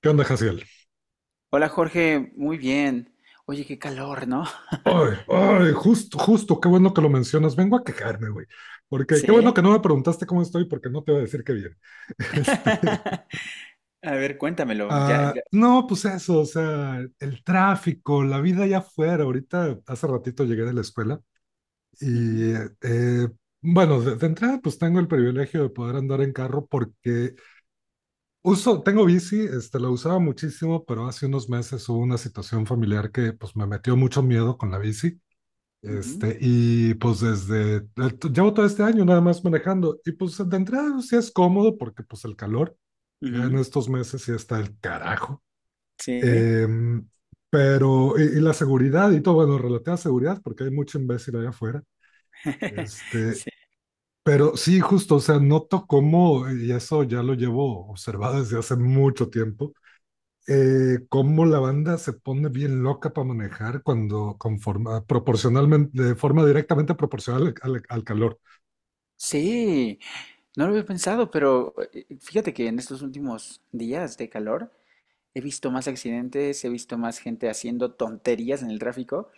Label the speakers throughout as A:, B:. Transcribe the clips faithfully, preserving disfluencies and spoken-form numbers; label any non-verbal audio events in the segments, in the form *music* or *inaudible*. A: ¿Qué onda, Jaciel?
B: Hola Jorge, muy bien. Oye, qué calor, ¿no?
A: Ay,
B: *laughs*
A: ay, justo, justo, qué bueno que lo mencionas. Vengo a quejarme, güey. Porque qué bueno
B: Sí.
A: que no me preguntaste cómo estoy, porque no te voy a decir que bien. *laughs* Este,
B: *laughs* A ver, cuéntamelo. Ya,
A: ah,
B: ya.
A: no,
B: ya-
A: pues eso, o sea, el tráfico, la vida allá afuera. Ahorita, hace ratito llegué de la escuela
B: Ujú,
A: y, eh, bueno, de, de entrada, pues tengo el privilegio de poder andar en carro porque uso, tengo bici, este, la usaba muchísimo, pero hace unos meses hubo una situación familiar que, pues, me metió mucho miedo con la bici.
B: ujú,
A: Este, y pues desde, llevo todo este año nada más manejando, y pues de entrada sí es cómodo porque pues el calor, ya en
B: ujú.
A: estos meses sí está el carajo.
B: Sí.
A: Em, pero, y, y la seguridad y todo, bueno, relativa a seguridad, porque hay mucho imbécil allá afuera.
B: *laughs*
A: Este,
B: Sí.
A: pero sí, justo, o sea, noto cómo, y eso ya lo llevo observado desde hace mucho tiempo, eh, cómo la banda se pone bien loca para manejar cuando conforma, proporcionalmente, de forma directamente proporcional al, al calor.
B: Sí, no lo había pensado, pero eh, fíjate que en estos últimos días de calor he visto más accidentes, he visto más gente haciendo tonterías en el tráfico.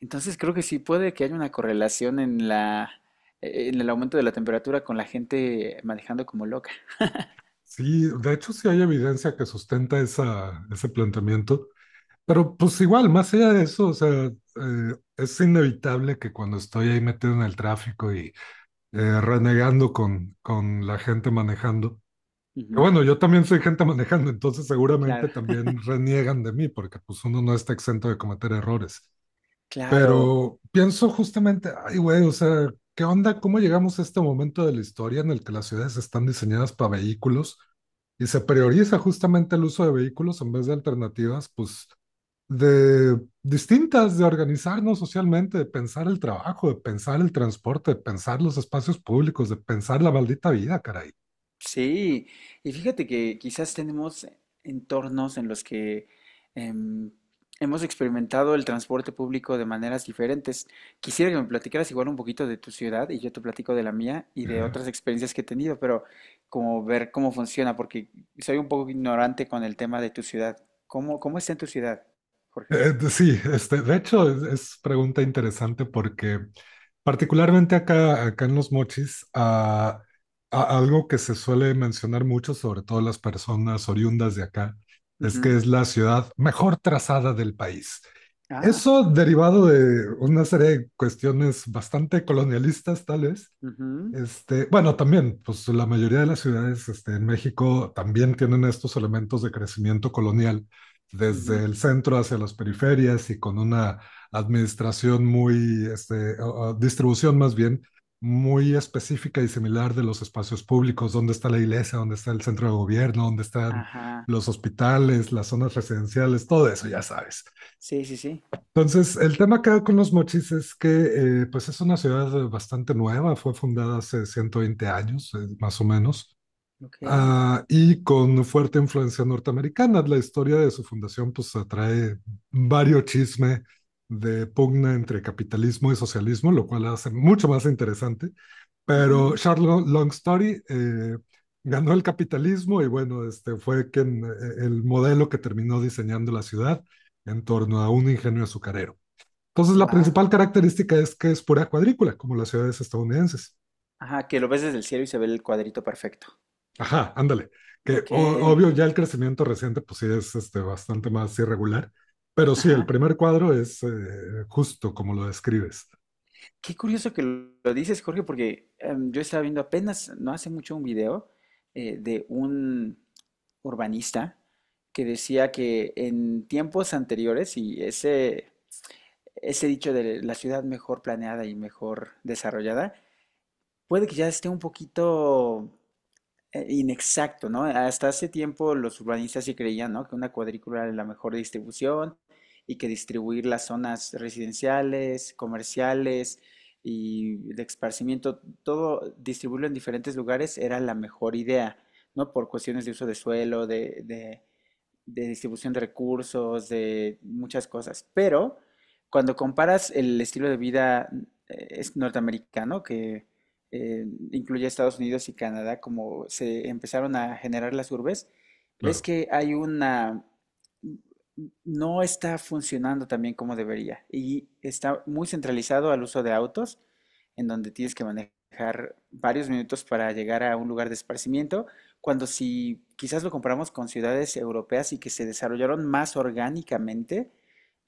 B: Entonces creo que sí puede que haya una correlación en la, eh, en el aumento de la temperatura con la gente manejando como loca.
A: Sí, de hecho sí hay evidencia que sustenta esa, ese planteamiento, pero pues igual, más allá de eso, o sea, eh, es inevitable que cuando estoy ahí metido en el tráfico y eh, renegando con, con la gente manejando, que bueno, yo también soy gente manejando, entonces seguramente
B: Claro,
A: también reniegan de mí porque pues uno no está exento de cometer errores.
B: claro,
A: Pero pienso justamente, ay, güey, o sea, ¿qué onda? ¿Cómo llegamos a este momento de la historia en el que las ciudades están diseñadas para vehículos y se prioriza justamente el uso de vehículos en vez de alternativas, pues, de distintas, de organizarnos socialmente, de pensar el trabajo, de pensar el transporte, de pensar los espacios públicos, de pensar la maldita vida, caray?
B: sí. Y fíjate que quizás tenemos entornos en los que em, hemos experimentado el transporte público de maneras diferentes. Quisiera que me platicaras igual un poquito de tu ciudad y yo te platico de la mía y de otras experiencias que he tenido, pero como ver cómo funciona, porque soy un poco ignorante con el tema de tu ciudad. ¿Cómo, cómo está en tu ciudad, Jorge?
A: Eh, de- sí, este, de hecho es, es pregunta interesante porque particularmente acá, acá en Los Mochis, ah, a- algo que se suele mencionar mucho, sobre todo las personas oriundas de acá, es
B: Ujú.
A: que es la ciudad mejor trazada del país.
B: Ah,
A: Eso derivado de una serie de cuestiones bastante colonialistas, tal vez,
B: ujú,
A: este, bueno, también, pues la mayoría de las ciudades, este, en México también tienen estos elementos de crecimiento colonial,
B: ujú.
A: desde el centro hacia las periferias y con una administración muy, este, o- o distribución más bien, muy específica y similar de los espacios públicos, dónde está la iglesia, dónde está el centro de gobierno, dónde están
B: Ajá.
A: los hospitales, las zonas residenciales, todo eso, ya sabes.
B: Sí, sí, sí.
A: Entonces, el tema acá con Los Mochis es que, eh, pues es una ciudad bastante nueva, fue fundada hace ciento veinte años, eh, más o menos,
B: Ok.
A: ah, y con fuerte influencia norteamericana. La historia de su fundación pues atrae varios chisme de pugna entre capitalismo y socialismo, lo cual la hace mucho más interesante. Pero Charles Long Story, eh, ganó el capitalismo y bueno, este fue quien, eh, el modelo que terminó diseñando la ciudad en torno a un ingenio azucarero. Entonces, la
B: Wow.
A: principal característica es que es pura cuadrícula, como las ciudades estadounidenses.
B: Ajá, que lo ves desde el cielo y se ve el cuadrito perfecto.
A: Ajá, ándale. Que
B: Ok.
A: o- obvio, ya el crecimiento reciente, pues sí es, este, bastante más irregular, pero sí, el
B: Ajá.
A: primer cuadro es, eh, justo como lo describes,
B: Qué curioso que lo lo dices, Jorge, porque em, yo estaba viendo apenas, no hace mucho, un video eh, de un urbanista que decía que en tiempos anteriores, y ese, ese dicho de la ciudad mejor planeada y mejor desarrollada, puede que ya esté un poquito eh, inexacto, ¿no? Hasta hace tiempo los urbanistas sí creían, ¿no? Que una cuadrícula era la mejor distribución y que distribuir las zonas residenciales, comerciales y de esparcimiento, todo distribuirlo en diferentes lugares era la mejor idea, ¿no? Por cuestiones de uso de suelo, de, de de distribución de recursos, de muchas cosas. Pero cuando comparas el estilo de vida eh, es norteamericano, que eh, incluye Estados Unidos y Canadá, como se empezaron a generar las urbes, ves
A: claro.
B: que hay una... no está funcionando también como debería y está muy centralizado al uso de autos, en donde tienes que manejar varios minutos para llegar a un lugar de esparcimiento cuando si quizás lo comparamos con ciudades europeas y que se desarrollaron más orgánicamente,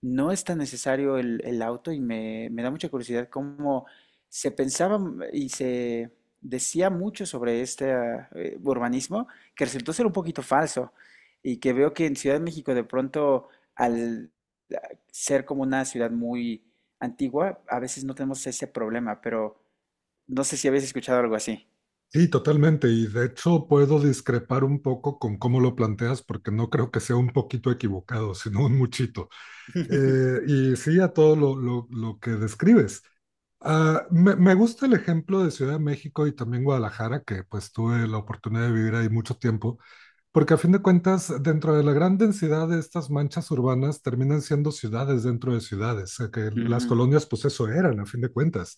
B: no es tan necesario el, el auto y me, me da mucha curiosidad cómo se pensaba m- y se decía mucho sobre este ah, eh, urbanismo que resultó ser un poquito falso y que veo que en Ciudad de México de pronto al ah, ser como una ciudad muy antigua, a veces no tenemos ese problema, pero no sé si habéis escuchado algo así.
A: Sí, totalmente. Y de hecho, puedo discrepar un poco con cómo lo planteas, porque no creo que sea un poquito equivocado, sino un muchito. Eh, y sí, a todo lo, lo lo que describes. Ah, me, me gusta el ejemplo de Ciudad de México y también Guadalajara, que pues tuve la oportunidad de vivir ahí mucho tiempo, porque a fin de cuentas, dentro de la gran densidad de estas manchas urbanas, terminan siendo ciudades dentro de ciudades, eh, que las
B: Ujú,
A: colonias pues eso eran, a fin de cuentas.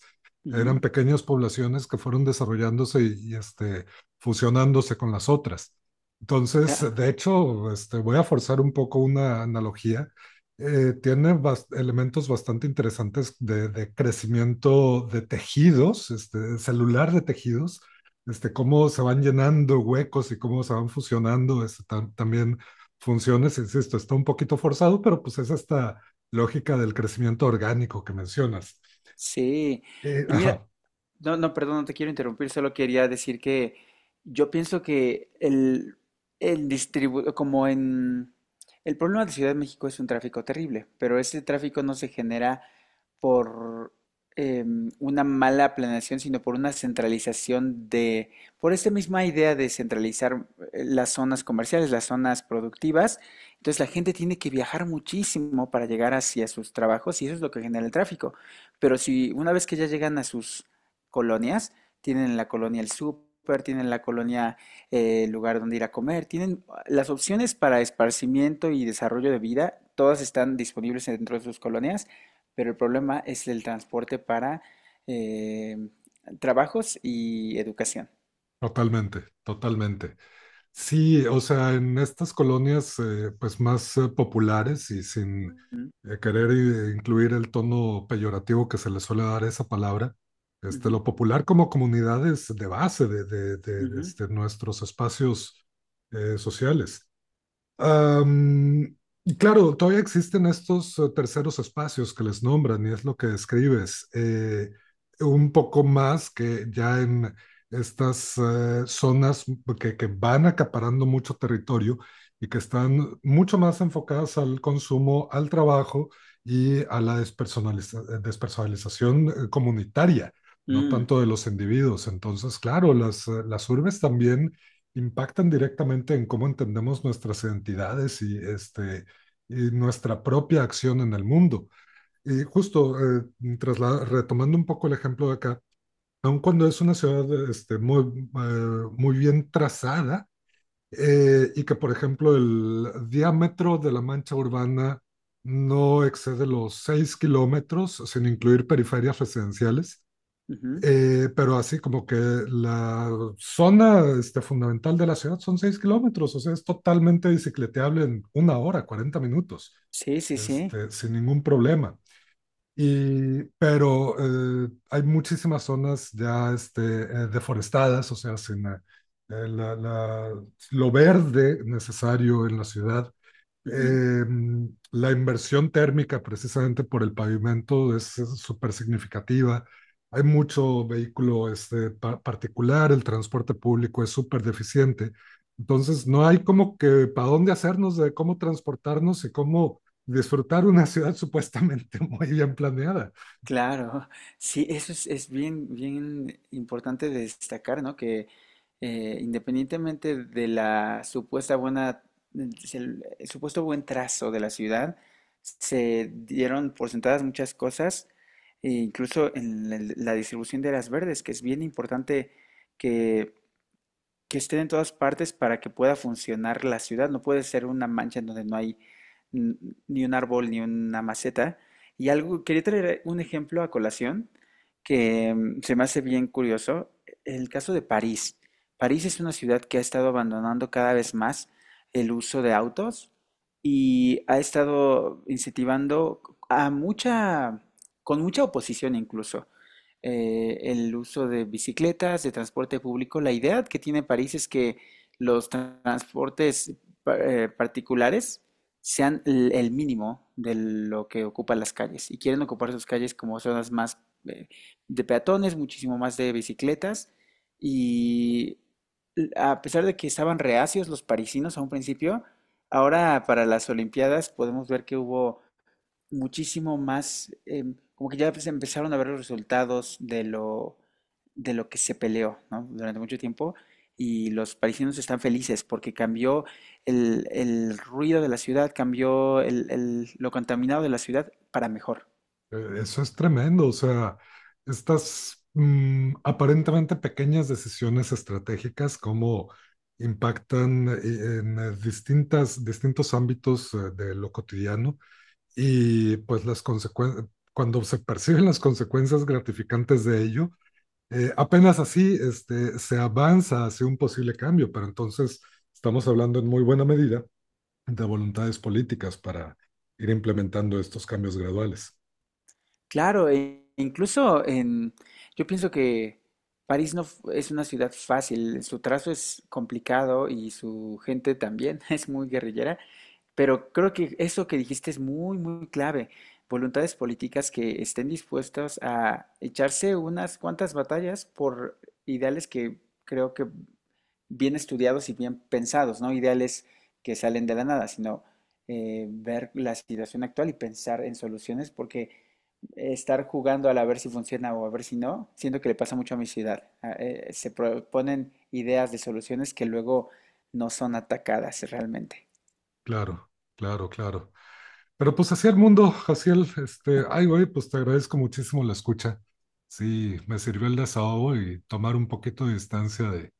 A: Eran
B: ujú,
A: pequeñas poblaciones que fueron desarrollándose y, y, este, fusionándose con las otras. Entonces,
B: claro.
A: de hecho, este, voy a forzar un poco una analogía. Eh, tiene bas- elementos bastante interesantes de, de crecimiento de tejidos, este, celular de tejidos, este, cómo se van llenando huecos y cómo se van fusionando, este, tam- también funciones, insisto, está un poquito forzado, pero pues es esta lógica del crecimiento orgánico que mencionas.
B: Sí,
A: Eh,
B: y mira,
A: ajá,
B: no, no, perdón, no te quiero interrumpir, solo quería decir que yo pienso que el, el distribu- como en el problema de Ciudad de México es un tráfico terrible, pero ese tráfico no se genera por em, una mala planeación, sino por una centralización de, por esta misma idea de centralizar eh, las zonas comerciales, las zonas productivas. Entonces la gente tiene que viajar muchísimo para llegar hacia sus trabajos y eso es lo que genera el tráfico. Pero si una vez que ya llegan a sus colonias. Tienen la colonia El Súper, tienen la colonia eh, El Lugar donde ir a comer. Tienen ah, las opciones para esparcimiento y desarrollo de vida. Todas están disponibles dentro de sus colonias, pero el problema es el transporte para eh, trabajos y educación.
A: totalmente, totalmente. Sí, o sea, en estas colonias, eh, pues más, eh, populares y sin,
B: Mm,
A: eh, querer, eh, incluir el tono peyorativo que se le suele dar a esa palabra, este,
B: ujú,
A: lo popular como comunidades de base de, de- de- de,
B: ujú,
A: este, nuestros espacios, eh, sociales. Am, y claro, todavía existen estos, eh, terceros espacios que les nombran y es lo que describes. Eh, un poco más que ya en estas, eh, zonas que, que van acaparando mucho territorio y que están mucho más enfocadas al consumo, al trabajo y a la despersonaliza- eh, despersonalización, eh, comunitaria, no
B: mm,
A: tanto de los individuos. Entonces, claro, las, eh, las urbes también impactan directamente en cómo entendemos nuestras identidades y, este, y nuestra propia acción en el mundo. Y justo, eh, trasla- retomando un poco el ejemplo de acá, aun cuando es una ciudad, este, muy, eh, muy bien trazada, eh, y que, por ejemplo, el diámetro de la mancha urbana no excede los seis kilómetros, sin incluir periferias residenciales.
B: ujú.
A: Eh, pero así como que la zona, este, fundamental de la ciudad son seis kilómetros, o sea, es totalmente bicicleteable en una hora, cuarenta minutos,
B: Sí, sí, sí.
A: este, sin ningún problema. Y pero, eh, hay muchísimas zonas ya, este, eh, deforestadas, o sea, sin, eh, eh, la- la- lo verde necesario en la ciudad.
B: Ujú.
A: eh, la inversión térmica precisamente por el pavimento es súper significativa. Hay mucho vehículo, este, pa- particular. El transporte público es súper deficiente. Entonces, no hay como que para dónde hacernos de cómo transportarnos y cómo disfrutar una ciudad supuestamente *laughs* muy bien planeada.
B: Claro, sí, eso es, es bien, bien importante destacar, ¿no? Que eh, independientemente de la supuesta buena, el, el supuesto buen trazo de la ciudad, se dieron por sentadas muchas cosas, e incluso en la, la distribución de las verdes, que es bien importante que que estén en todas partes para que pueda funcionar la ciudad. No puede ser una mancha en donde no hay n- ni un árbol ni una maceta. Y algo, quería traer un ejemplo a colación que mm, se me hace bien curioso. El caso de París. París es una ciudad que ha estado abandonando cada vez más el uso de autos y ha estado incentivando a mucha, con mucha oposición incluso eh, el uso de bicicletas, de transporte público. La idea que tiene París es que los transportes eh, particulares sean el, el mínimo de lo que ocupan las calles y quieren ocupar sus calles como zonas más eh, de peatones, muchísimo más de bicicletas y a pesar de que estaban reacios los parisinos a un principio, ahora para las Olimpiadas podemos ver que hubo muchísimo más, em, como que ya se empezaron a ver los resultados de lo, de lo que se peleó, ¿no? Durante mucho tiempo y los parisinos están felices porque cambió el, el ruido de la ciudad, cambió el- el- lo contaminado de la ciudad para mejor.
A: Eh, Eso es tremendo, o sea, estas, mm, aparentemente pequeñas decisiones estratégicas, cómo impactan, eh, en, eh, distintas, distintos ámbitos, eh, de lo cotidiano y pues las consecuencias, cuando se perciben las consecuencias gratificantes de ello, eh, apenas así, este, se avanza hacia un posible cambio, pero entonces estamos hablando en muy buena medida de voluntades políticas para ir implementando estos cambios graduales.
B: Claro, e incluso en, yo pienso que París no f- es una ciudad fácil, su trazo es complicado y su gente también *laughs* es muy guerrillera, pero creo que eso que dijiste es muy, muy clave. Voluntades políticas que estén dispuestas a echarse unas cuantas batallas por ideales que creo que bien estudiados y bien pensados, no ideales que salen de la nada, sino eh, ver la situación actual y pensar en soluciones, porque estar jugando al a ver si funciona o a ver si no, siento que le pasa mucho a mi ciudad. A- eh, se proponen ideas de soluciones que luego no son atacadas realmente.
A: Claro, claro, claro. Pero pues así el mundo, Jaciel, este, ay, güey, pues te agradezco muchísimo la escucha. Sí, me sirvió el desahogo y tomar un poquito de distancia de,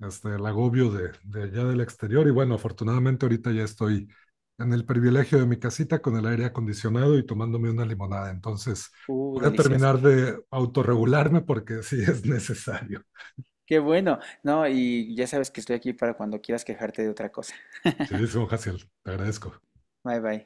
A: este, el agobio de, de allá del exterior. Y bueno, afortunadamente ahorita ya estoy en el privilegio de mi casita con el aire acondicionado y tomándome una limonada. Entonces
B: Uh,
A: voy a
B: delicioso.
A: terminar de autorregularme porque sí es necesario.
B: Qué bueno. No, y ya sabes que estoy aquí para cuando quieras quejarte de otra cosa.
A: Sí,
B: *laughs*
A: Jaciel, te agradezco.
B: Bye bye.